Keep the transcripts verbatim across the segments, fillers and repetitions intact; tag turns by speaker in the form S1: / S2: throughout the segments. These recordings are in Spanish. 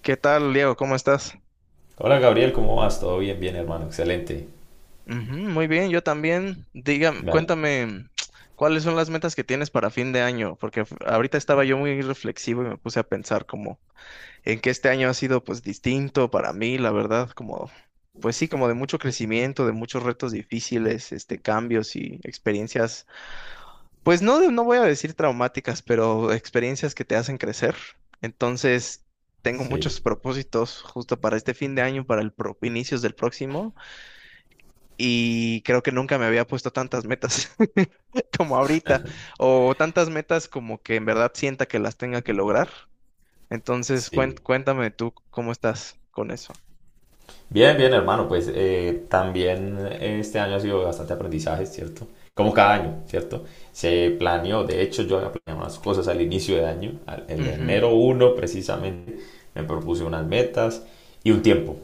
S1: ¿Qué tal, Diego? ¿Cómo estás?
S2: Hola Gabriel, ¿cómo vas? Todo bien, bien hermano, excelente.
S1: Ujú, muy bien, yo también. Dígame,
S2: Vale.
S1: cuéntame, ¿cuáles son las metas que tienes para fin de año? Porque f- ahorita estaba yo muy reflexivo y me puse a pensar como en que este año ha sido pues distinto para mí, la verdad, como pues sí, como de mucho crecimiento, de muchos retos difíciles, este, cambios y experiencias, pues no, de- no voy a decir traumáticas, pero experiencias que te hacen crecer. Entonces, tengo muchos
S2: Sí,
S1: propósitos justo para este fin de año, para el pro- inicios del próximo. Y creo que nunca me había puesto tantas metas como ahorita, o tantas metas como que en verdad sienta que las tenga que lograr. Entonces, cuen-
S2: sí.
S1: cuéntame tú cómo estás con eso.
S2: Bien, bien hermano, pues eh, también este año ha sido bastante aprendizaje, ¿cierto? Como cada año, ¿cierto? Se planeó, de hecho yo había planeado unas cosas al inicio de año, al- el
S1: Ujú,
S2: enero uno precisamente, me propuse unas metas y un tiempo.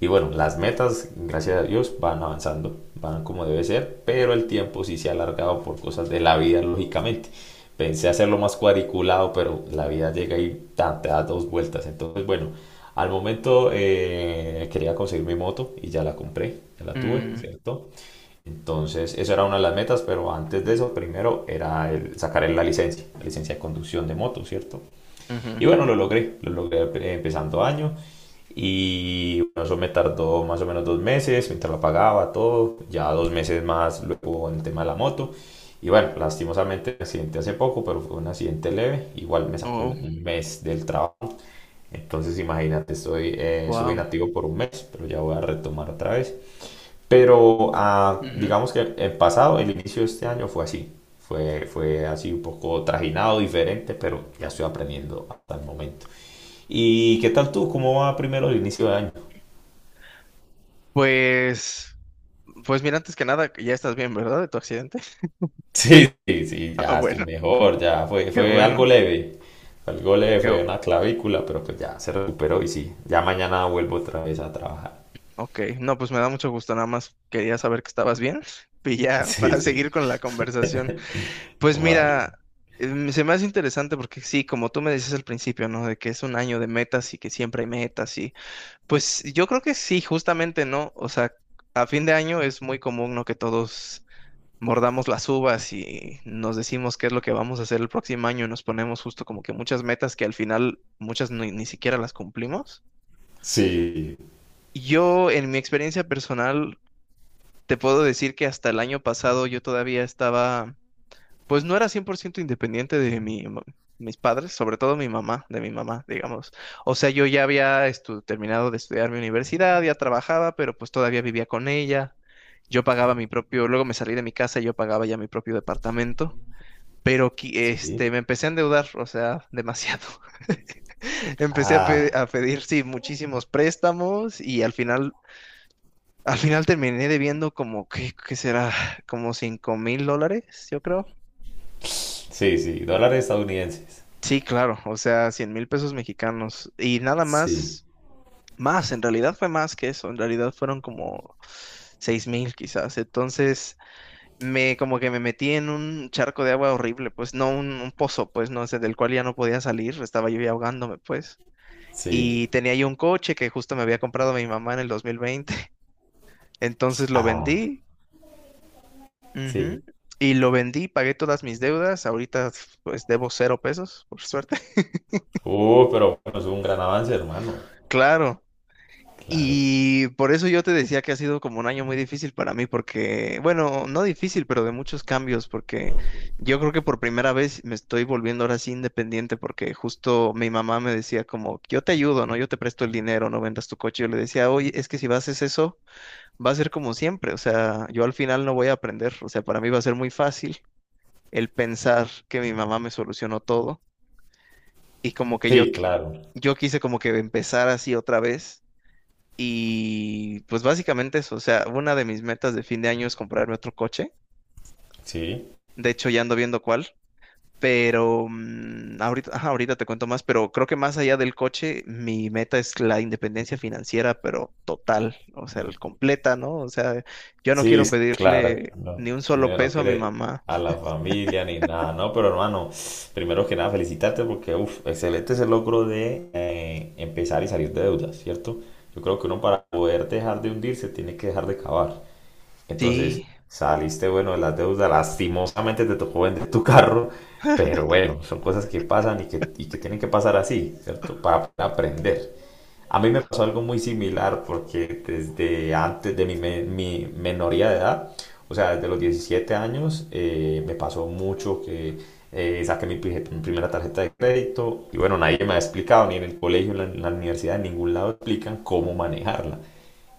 S2: Y bueno, las metas, gracias a Dios, van avanzando, van como debe ser, pero el tiempo sí se ha alargado por cosas de la vida, lógicamente. Pensé hacerlo más cuadriculado, pero la vida llega y tan, te da dos vueltas. Entonces, bueno, al momento eh, quería conseguir mi moto y ya la compré, ya la tuve,
S1: mm,
S2: ¿cierto? Entonces, eso era una de las metas, pero antes de eso, primero era el- sacar la licencia, la licencia de conducción de moto, ¿cierto?
S1: ujú.
S2: Y bueno, lo logré, lo logré empezando año. Y bueno, eso me tardó más o menos dos meses, mientras lo pagaba todo, ya dos meses más luego en el tema de la moto. Y bueno, lastimosamente el accidente hace poco, pero fue un accidente leve, igual me sacó
S1: Oh,
S2: un mes del trabajo. Entonces imagínate, estoy, eh, estuve
S1: wow.
S2: inactivo por un mes, pero ya voy a retomar otra vez. Pero ah,
S1: Ujú.
S2: digamos que el pasado, el inicio de este año fue así, fue, fue así un poco trajinado, diferente, pero ya estoy aprendiendo hasta el momento. ¿Y qué tal tú? ¿Cómo va primero el inicio de año?
S1: Pues, pues mira, antes que nada, ya estás bien, ¿verdad? De tu accidente.
S2: Sí, sí, sí,
S1: Ah,
S2: ya estoy
S1: bueno,
S2: mejor, ya fue,
S1: qué
S2: fue algo
S1: bueno.
S2: leve, fue algo leve,
S1: Qué,
S2: fue
S1: bu-
S2: una clavícula, pero pues ya se recuperó y sí, ya mañana vuelvo otra vez a trabajar.
S1: ok, no, pues me da mucho gusto, nada más quería saber que estabas bien y ya
S2: Sí,
S1: para
S2: sí,
S1: seguir con la conversación. Pues
S2: vale,
S1: mira, em, se me hace interesante porque sí, como tú me decías al principio, ¿no? De que es un año de metas y que siempre hay metas y pues yo creo que sí, justamente, ¿no? O sea, a fin de año es muy común, ¿no? Que todos mordamos las uvas y nos decimos qué es lo que vamos a hacer el próximo año y nos ponemos justo como que muchas metas que al final muchas ni, ni siquiera las cumplimos.
S2: sí,
S1: Yo en mi experiencia personal te puedo decir que hasta el año pasado yo todavía estaba. Pues no era cien por ciento independiente de mi, ma- mis padres, sobre todo mi mamá, de mi mamá, digamos. O sea, yo ya había estu- terminado de estudiar mi universidad, ya trabajaba, pero pues todavía vivía con ella. Yo pagaba mi propio, luego me salí de mi casa y yo pagaba ya mi propio departamento, pero qui- este,
S2: sí,
S1: me empecé a endeudar, o sea, demasiado. Empecé a,
S2: ah,
S1: pe- a pedir, sí, muchísimos préstamos y al final, al final terminé debiendo como, ¿qué, qué será? Como cinco mil dólares, yo creo.
S2: sí, sí, dólares estadounidenses,
S1: Sí, claro, o sea, cien mil pesos mexicanos y nada
S2: sí,
S1: más, más, en realidad fue más que eso, en realidad fueron como seis mil quizás, entonces me como que me metí en un charco de agua horrible, pues no un, un pozo, pues no sé, del cual ya no podía salir, estaba yo ya ahogándome, pues,
S2: sí,
S1: y tenía yo un coche que justo me había comprado mi mamá en el dos mil veinte. Entonces lo
S2: ah,
S1: vendí.
S2: sí,
S1: Ujú. Y lo vendí, pagué todas mis deudas, ahorita pues debo cero pesos, por suerte.
S2: uh, pero bueno, es un gran avance, hermano,
S1: Claro.
S2: claro,
S1: Y por eso yo te decía que ha sido como un año muy difícil para mí, porque, bueno, no difícil, pero de muchos cambios, porque yo creo que por primera vez me estoy volviendo ahora sí independiente, porque justo mi mamá me decía como, yo te ayudo, ¿no? Yo te presto el dinero, no vendas tu coche. Yo le decía, oye, es que si vas a hacer eso, va a ser como siempre, o sea, yo al final no voy a aprender, o sea, para mí va a ser muy fácil el pensar que mi mamá me solucionó todo y como que yo,
S2: sí,
S1: qui-
S2: claro,
S1: yo quise como que empezar así otra vez y pues básicamente eso, o sea, una de mis metas de fin de año es comprarme otro coche.
S2: sí.
S1: De hecho, ya ando viendo cuál, pero mm, ahorita, ajá, ahorita te cuento más, pero creo que más allá del coche, mi meta es la independencia financiera, pero total, o sea, el completa, ¿no? O sea, yo no
S2: Sí,
S1: quiero
S2: sí, claro,
S1: pedirle
S2: no,
S1: ni un solo
S2: no no
S1: peso a mi
S2: quiere
S1: mamá.
S2: a la familia ni nada, no, pero hermano, primero que nada felicitarte porque, uff, excelente ese logro de eh, empezar y salir de deudas, ¿cierto? Yo creo que uno para poder dejar de hundirse tiene que dejar de cavar. Entonces,
S1: Sí,
S2: saliste bueno de las deudas, lastimosamente te tocó vender tu carro, pero bueno, son cosas que pasan y que, y que tienen que pasar así, ¿cierto? Para aprender. A mí me pasó algo muy similar porque desde antes de mi, me- mi menoría de edad, o sea, desde los diecisiete años, eh, me pasó mucho que eh, saqué mi, pri- mi primera tarjeta de crédito y bueno, nadie me ha explicado, ni en el colegio, ni en la universidad, en ningún lado explican cómo manejarla.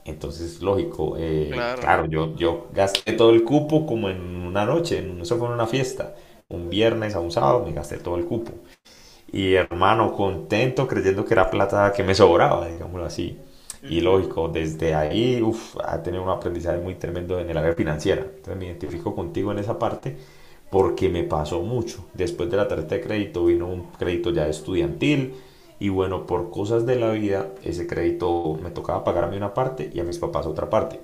S2: Entonces, lógico, eh,
S1: claro.
S2: claro, yo, yo gasté todo el cupo como en una noche, en, eso fue en una fiesta. Un viernes a un sábado me gasté todo el cupo. Y hermano, contento creyendo que era plata que me sobraba, digámoslo así. Y
S1: Ujú,
S2: lógico, desde ahí uf, ha tenido un aprendizaje muy tremendo en el área financiera. Entonces me identifico contigo en esa parte porque me pasó mucho. Después de la tarjeta de crédito vino un crédito ya estudiantil y bueno, por cosas de la vida, ese crédito me tocaba pagarme una parte y a mis papás otra parte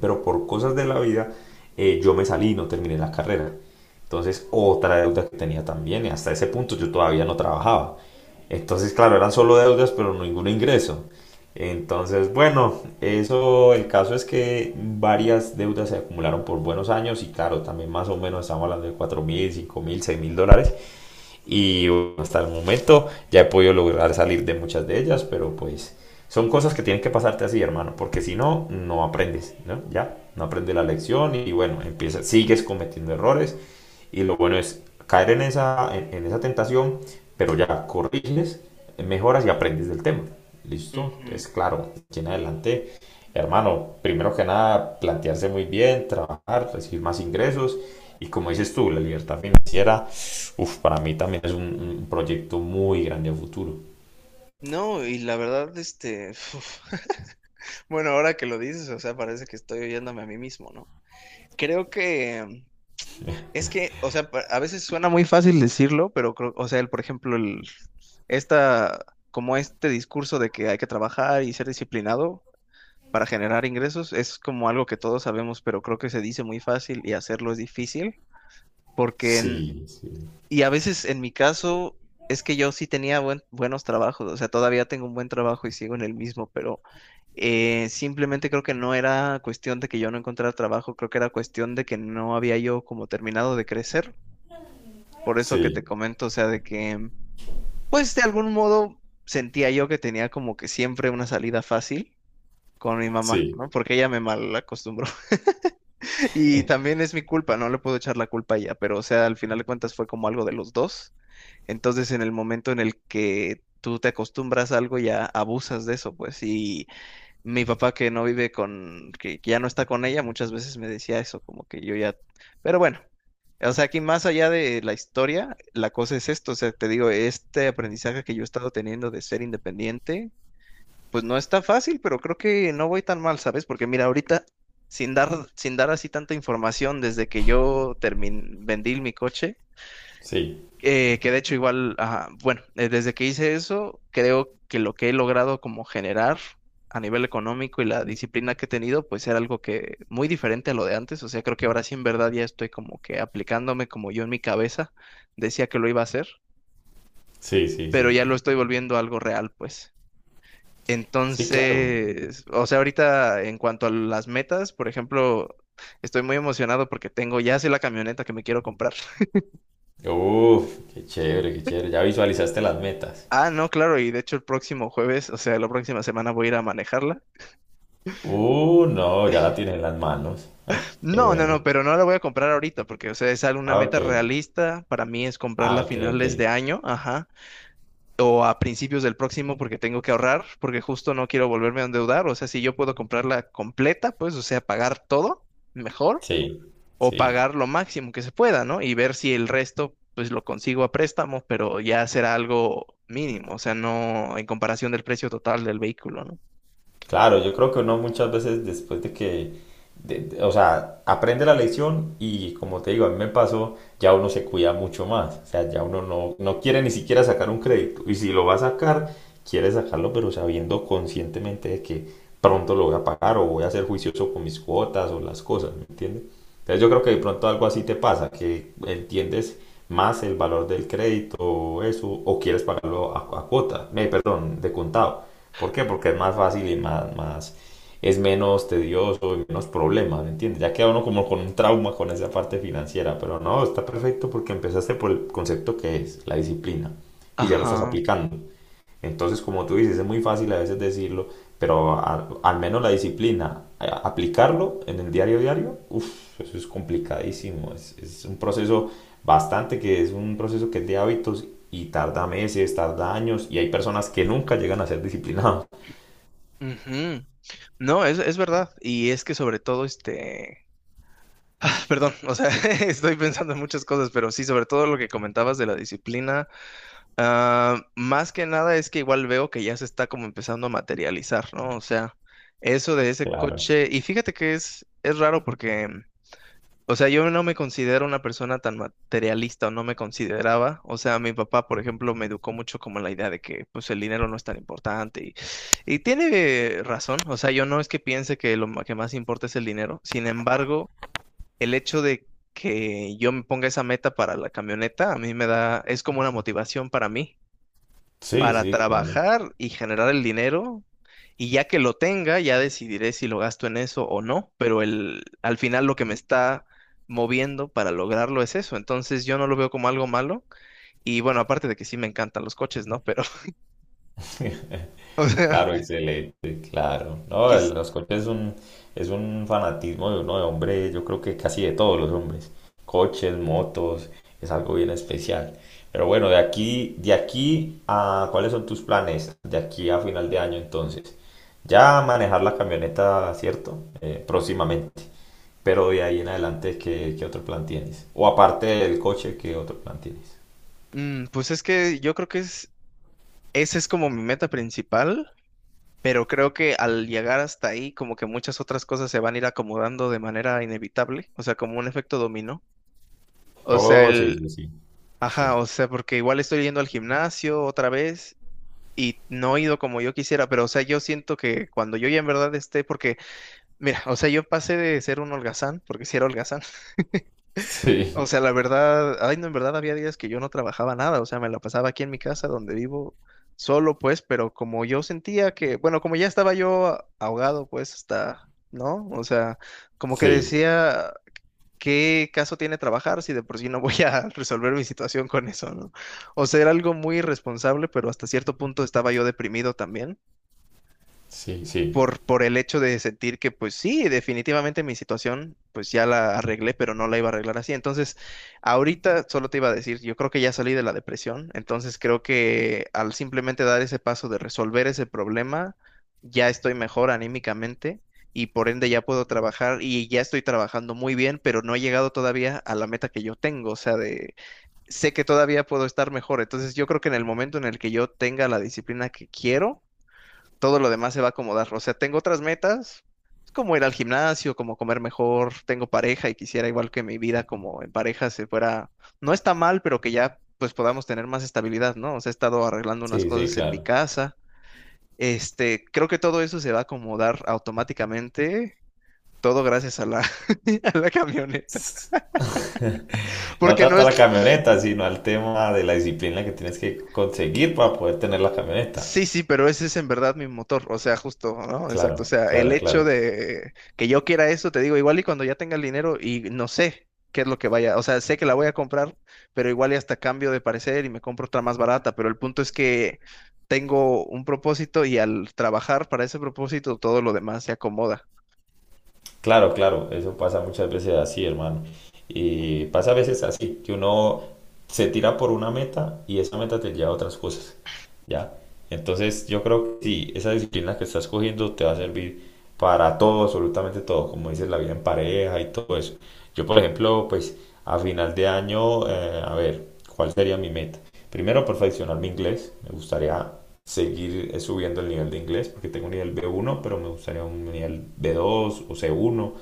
S2: pero por cosas de la vida eh, yo me salí y no terminé la carrera. Entonces, otra deuda que tenía también, y hasta ese punto yo todavía no trabajaba. Entonces, claro, eran solo deudas, pero ningún ingreso. Entonces, bueno, eso, el caso es que varias deudas se acumularon por buenos años y claro, también más o menos estamos hablando de cuatro mil, cinco mil, seis mil dólares y bueno, hasta el momento ya he podido lograr salir de muchas de ellas, pero pues son cosas que tienen que pasarte así, hermano, porque si no, no aprendes, ¿no? Ya, no aprendes la lección y bueno, empiezas, sigues cometiendo errores y lo bueno es caer en esa, en, en esa tentación, pero ya corriges, mejoras y aprendes del tema. ¿Listo?
S1: ujú.
S2: Entonces, claro, aquí en adelante, hermano, primero que nada, plantearse muy bien, trabajar, recibir más ingresos y como dices tú, la libertad financiera. Uf, para mí también es un, un proyecto muy grande a futuro.
S1: No, y la verdad, este, bueno, ahora que lo dices, o sea, parece que estoy oyéndome a mí mismo, ¿no? Creo que es que, o sea, pa- a veces suena muy fácil decirlo, pero creo, o sea, el, por ejemplo, el, esta, como este discurso de que hay que trabajar y ser disciplinado para generar ingresos es como algo que todos sabemos, pero creo que se dice muy fácil y hacerlo es difícil, porque
S2: Sí, sí,
S1: y a veces en mi caso es que yo sí tenía buen- buenos trabajos, o sea, todavía tengo un buen trabajo y sigo en el mismo, pero eh, simplemente creo que no era cuestión de que yo no encontrara trabajo, creo que era cuestión de que no había yo como terminado de crecer. Por eso que te
S2: sí,
S1: comento, o sea, de que, pues de algún modo sentía yo que tenía como que siempre una salida fácil con mi mamá, ¿no?
S2: sí,
S1: Porque ella me mal acostumbró. Y también es mi culpa, no le puedo echar la culpa a ella, pero o sea, al final de cuentas fue como algo de los dos. Entonces, en el momento en el que tú te acostumbras a algo, ya abusas de eso, pues. Y mi papá que no vive con, que que ya no está con ella, muchas veces me decía eso, como que yo ya, pero bueno. O sea, aquí más allá de la historia, la cosa es esto, o sea, te digo, este aprendizaje que yo he estado teniendo de ser independiente, pues no está fácil, pero creo que no voy tan mal, ¿sabes? Porque mira, ahorita, sin dar, sin dar así tanta información, desde que yo terminé, vendí mi coche,
S2: sí,
S1: eh, que de hecho igual, ajá, bueno, eh, desde que hice eso, creo que lo que he logrado como generar a nivel económico y la disciplina que he tenido, pues era algo que muy diferente a lo de antes. O sea, creo que ahora sí en verdad ya estoy como que aplicándome como yo en mi cabeza decía que lo iba a hacer,
S2: sí, sí,
S1: pero
S2: sí.
S1: ya lo estoy volviendo algo real, pues.
S2: Sí, claro.
S1: Entonces, o sea, ahorita en cuanto a las metas, por ejemplo, estoy muy emocionado porque tengo, ya sé la camioneta que me quiero comprar.
S2: Uf, qué chévere, qué chévere. Ya visualizaste las metas.
S1: Ah, no, claro, y de hecho el próximo jueves, o sea, la próxima semana voy a ir a manejarla.
S2: Uh, no, ya la tienes en las manos. Ah, qué
S1: No, no, no,
S2: bueno.
S1: pero no la voy a comprar ahorita porque, o sea, es una
S2: Ah, ok.
S1: meta realista. Para mí es comprarla
S2: Ah,
S1: a
S2: ok, ok.
S1: finales de año, ajá, o a principios del próximo porque tengo que ahorrar, porque justo no quiero volverme a endeudar. O sea, si yo puedo comprarla completa, pues, o sea, pagar todo mejor
S2: Sí,
S1: o
S2: sí.
S1: pagar lo máximo que se pueda, ¿no? Y ver si el resto, pues, lo consigo a préstamo, pero ya será algo mínimo, o sea, no en comparación del precio total del vehículo, ¿no?
S2: Claro, yo creo que uno muchas veces después de que, de- de- o sea, aprende la lección y como te digo, a mí me pasó, ya uno se cuida mucho más, o sea, ya uno no, no, quiere ni siquiera sacar un crédito y si lo va a sacar, quiere sacarlo pero sabiendo conscientemente de que pronto lo voy a pagar o voy a ser juicioso con mis cuotas o las cosas, ¿me entiendes? Entonces yo creo que de pronto algo así te pasa, que entiendes más el valor del crédito o eso, o quieres pagarlo a, a cuota, eh, perdón, de contado. ¿Por qué? Porque es más fácil y más, más, es menos tedioso y menos problema, ¿me entiendes? Ya queda uno como con un trauma con esa parte financiera, pero no, está perfecto porque empezaste por el concepto que es, la disciplina, y ya lo estás
S1: Ajá.
S2: aplicando. Entonces, como tú dices, es muy fácil a veces decirlo, pero a- al menos la disciplina, a- aplicarlo en el diario diario, uff, eso es complicadísimo. Es, es un proceso bastante que es un proceso que es de hábitos y tarda meses, tarda años y hay personas que nunca llegan a ser disciplinados.
S1: Ujú. No, es, es verdad. Y es que sobre todo, este, perdón, o sea, estoy pensando en muchas cosas, pero sí, sobre todo lo que comentabas de la disciplina, ah, más que nada es que igual veo que ya se está como empezando a materializar, ¿no? O sea, eso de ese
S2: Claro.
S1: coche, y fíjate que es, es raro porque o sea, yo no me considero una persona tan materialista o no me consideraba. O sea, mi papá, por ejemplo, me educó mucho como en la idea de que pues el dinero no es tan importante y, y tiene razón. O sea, yo no es que piense que lo ma- que más importa es el dinero. Sin embargo, el hecho de que yo me ponga esa meta para la camioneta, a mí me da, es como una motivación para mí
S2: Sí,
S1: para
S2: sí, claro.
S1: trabajar y generar el dinero. Y ya que lo tenga, ya decidiré si lo gasto en eso o no. Pero el, al final lo que me está moviendo para lograrlo es eso. Entonces yo no lo veo como algo malo. Y bueno, aparte de que sí me encantan los coches, ¿no? Pero, o sea,
S2: Claro, excelente, claro. No, el-
S1: quis-
S2: los coches es un, es un fanatismo de uno de hombre, yo creo que casi de todos los hombres. Coches, motos, es algo bien especial. Pero bueno, de aquí, de aquí a, ¿cuáles son tus planes? De aquí a final de año, entonces. Ya manejar la camioneta, ¿cierto? Eh, próximamente. Pero de ahí en adelante, ¿qué, qué otro plan tienes? O aparte del coche, ¿qué otro plan tienes?
S1: mm, pues es que yo creo que es, esa es como mi meta principal. Pero creo que al llegar hasta ahí, como que muchas otras cosas se van a ir acomodando de manera inevitable. O sea, como un efecto dominó. O sea,
S2: Oh, sí,
S1: el,
S2: sí, sí.
S1: ajá,
S2: Sí.
S1: o sea, porque igual estoy yendo al gimnasio otra vez y no he ido como yo quisiera, pero o sea, yo siento que cuando yo ya en verdad esté, porque, mira, o sea, yo pasé de ser un holgazán, porque sí era holgazán,
S2: Sí,
S1: o sea, la verdad, ay, no, en verdad había días que yo no trabajaba nada, o sea, me la pasaba aquí en mi casa donde vivo solo, pues, pero como yo sentía que, bueno, como ya estaba yo ahogado, pues, hasta, ¿no? O sea, como que
S2: sí,
S1: decía, ¿qué caso tiene trabajar si de por sí no voy a resolver mi situación con eso, ¿no? O sea, era algo muy irresponsable, pero hasta cierto punto estaba yo deprimido también
S2: sí, sí.
S1: por, por el hecho de sentir que, pues sí, definitivamente mi situación, pues ya la arreglé, pero no la iba a arreglar así. Entonces, ahorita solo te iba a decir, yo creo que ya salí de la depresión, entonces creo que al simplemente dar ese paso de resolver ese problema, ya estoy mejor anímicamente. Y por ende ya puedo trabajar y ya estoy trabajando muy bien, pero no he llegado todavía a la meta que yo tengo, o sea, de, sé que todavía puedo estar mejor. Entonces yo creo que en el momento en el que yo tenga la disciplina que quiero, todo lo demás se va a acomodar. O sea, tengo otras metas, es como ir al gimnasio, como comer mejor, tengo pareja y quisiera igual que mi vida como en pareja se fuera, no está mal, pero que ya pues podamos tener más estabilidad, ¿no? O sea, he estado arreglando unas
S2: Sí, sí,
S1: cosas en mi
S2: claro.
S1: casa. Este, creo que todo eso se va a acomodar automáticamente, todo gracias a la, a la camioneta,
S2: No
S1: porque no
S2: trata
S1: es.
S2: la camioneta, sino al tema de la disciplina que tienes que conseguir para poder tener la camioneta.
S1: Sí, sí, pero ese es en verdad mi motor, o sea, justo, ¿no? Exacto, o
S2: Claro,
S1: sea, el
S2: claro,
S1: hecho
S2: claro.
S1: de que yo quiera eso, te digo, igual y cuando ya tenga el dinero y no sé qué es lo que vaya, o sea, sé que la voy a comprar, pero igual y hasta cambio de parecer y me compro otra más barata, pero el punto es que tengo un propósito y al trabajar para ese propósito todo lo demás se acomoda.
S2: Claro, claro, eso pasa muchas veces así, hermano. Y pasa a veces así, que uno se tira por una meta y esa meta te lleva a otras cosas, ¿ya? Entonces yo creo que sí, esa disciplina que estás cogiendo te va a servir para todo, absolutamente todo, como dices, la vida en pareja y todo eso. Yo, por ejemplo, pues a final de año, eh, a ver, ¿cuál sería mi meta? Primero, perfeccionar mi inglés, me gustaría seguir eh, subiendo el nivel de inglés, porque tengo un nivel B uno, pero me gustaría un nivel B dos o C uno,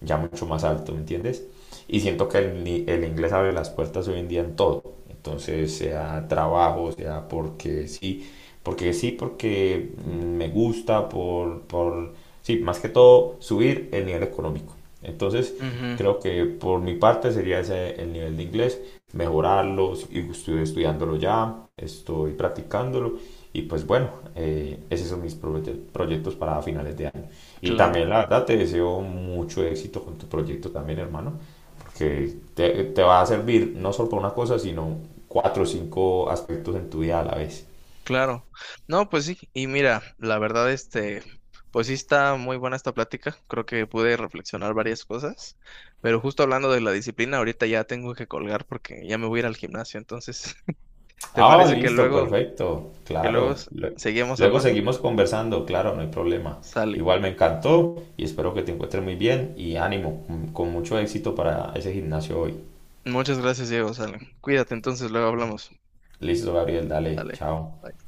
S2: ya mucho más alto, ¿me entiendes? Y siento que el, el inglés abre las puertas hoy en día en todo. Entonces, sea trabajo, sea porque sí, porque sí, porque mm, me gusta, por, por, sí, más que todo, subir el nivel económico. Entonces,
S1: Ujú,
S2: creo que por mi parte sería ese el nivel de inglés, mejorarlo, y estoy estudiándolo ya, estoy practicándolo y pues bueno, eh, esos son mis proye- proyectos para finales de año. Y
S1: claro.
S2: también la verdad te deseo mucho éxito con tu proyecto también, hermano, porque te, te va a servir no solo para una cosa, sino cuatro o cinco aspectos en tu vida a la vez.
S1: Claro. No, pues sí. Y mira, la verdad, este, pues sí está muy buena esta plática. Creo que pude reflexionar varias cosas. Pero justo hablando de la disciplina, ahorita ya tengo que colgar porque ya me voy a ir al gimnasio. Entonces, ¿te
S2: Ah,
S1: parece que
S2: listo,
S1: luego,
S2: perfecto,
S1: que luego
S2: claro.
S1: s-
S2: Lue-
S1: seguimos
S2: Luego
S1: hablando?
S2: seguimos conversando, claro, no hay problema.
S1: Sale.
S2: Igual me encantó y espero que te encuentres muy bien y ánimo, con con mucho éxito para ese gimnasio hoy.
S1: Muchas gracias, Diego. Sale. Cuídate, entonces luego hablamos.
S2: Listo, Gabriel, dale,
S1: Sale.
S2: chao.
S1: Bye.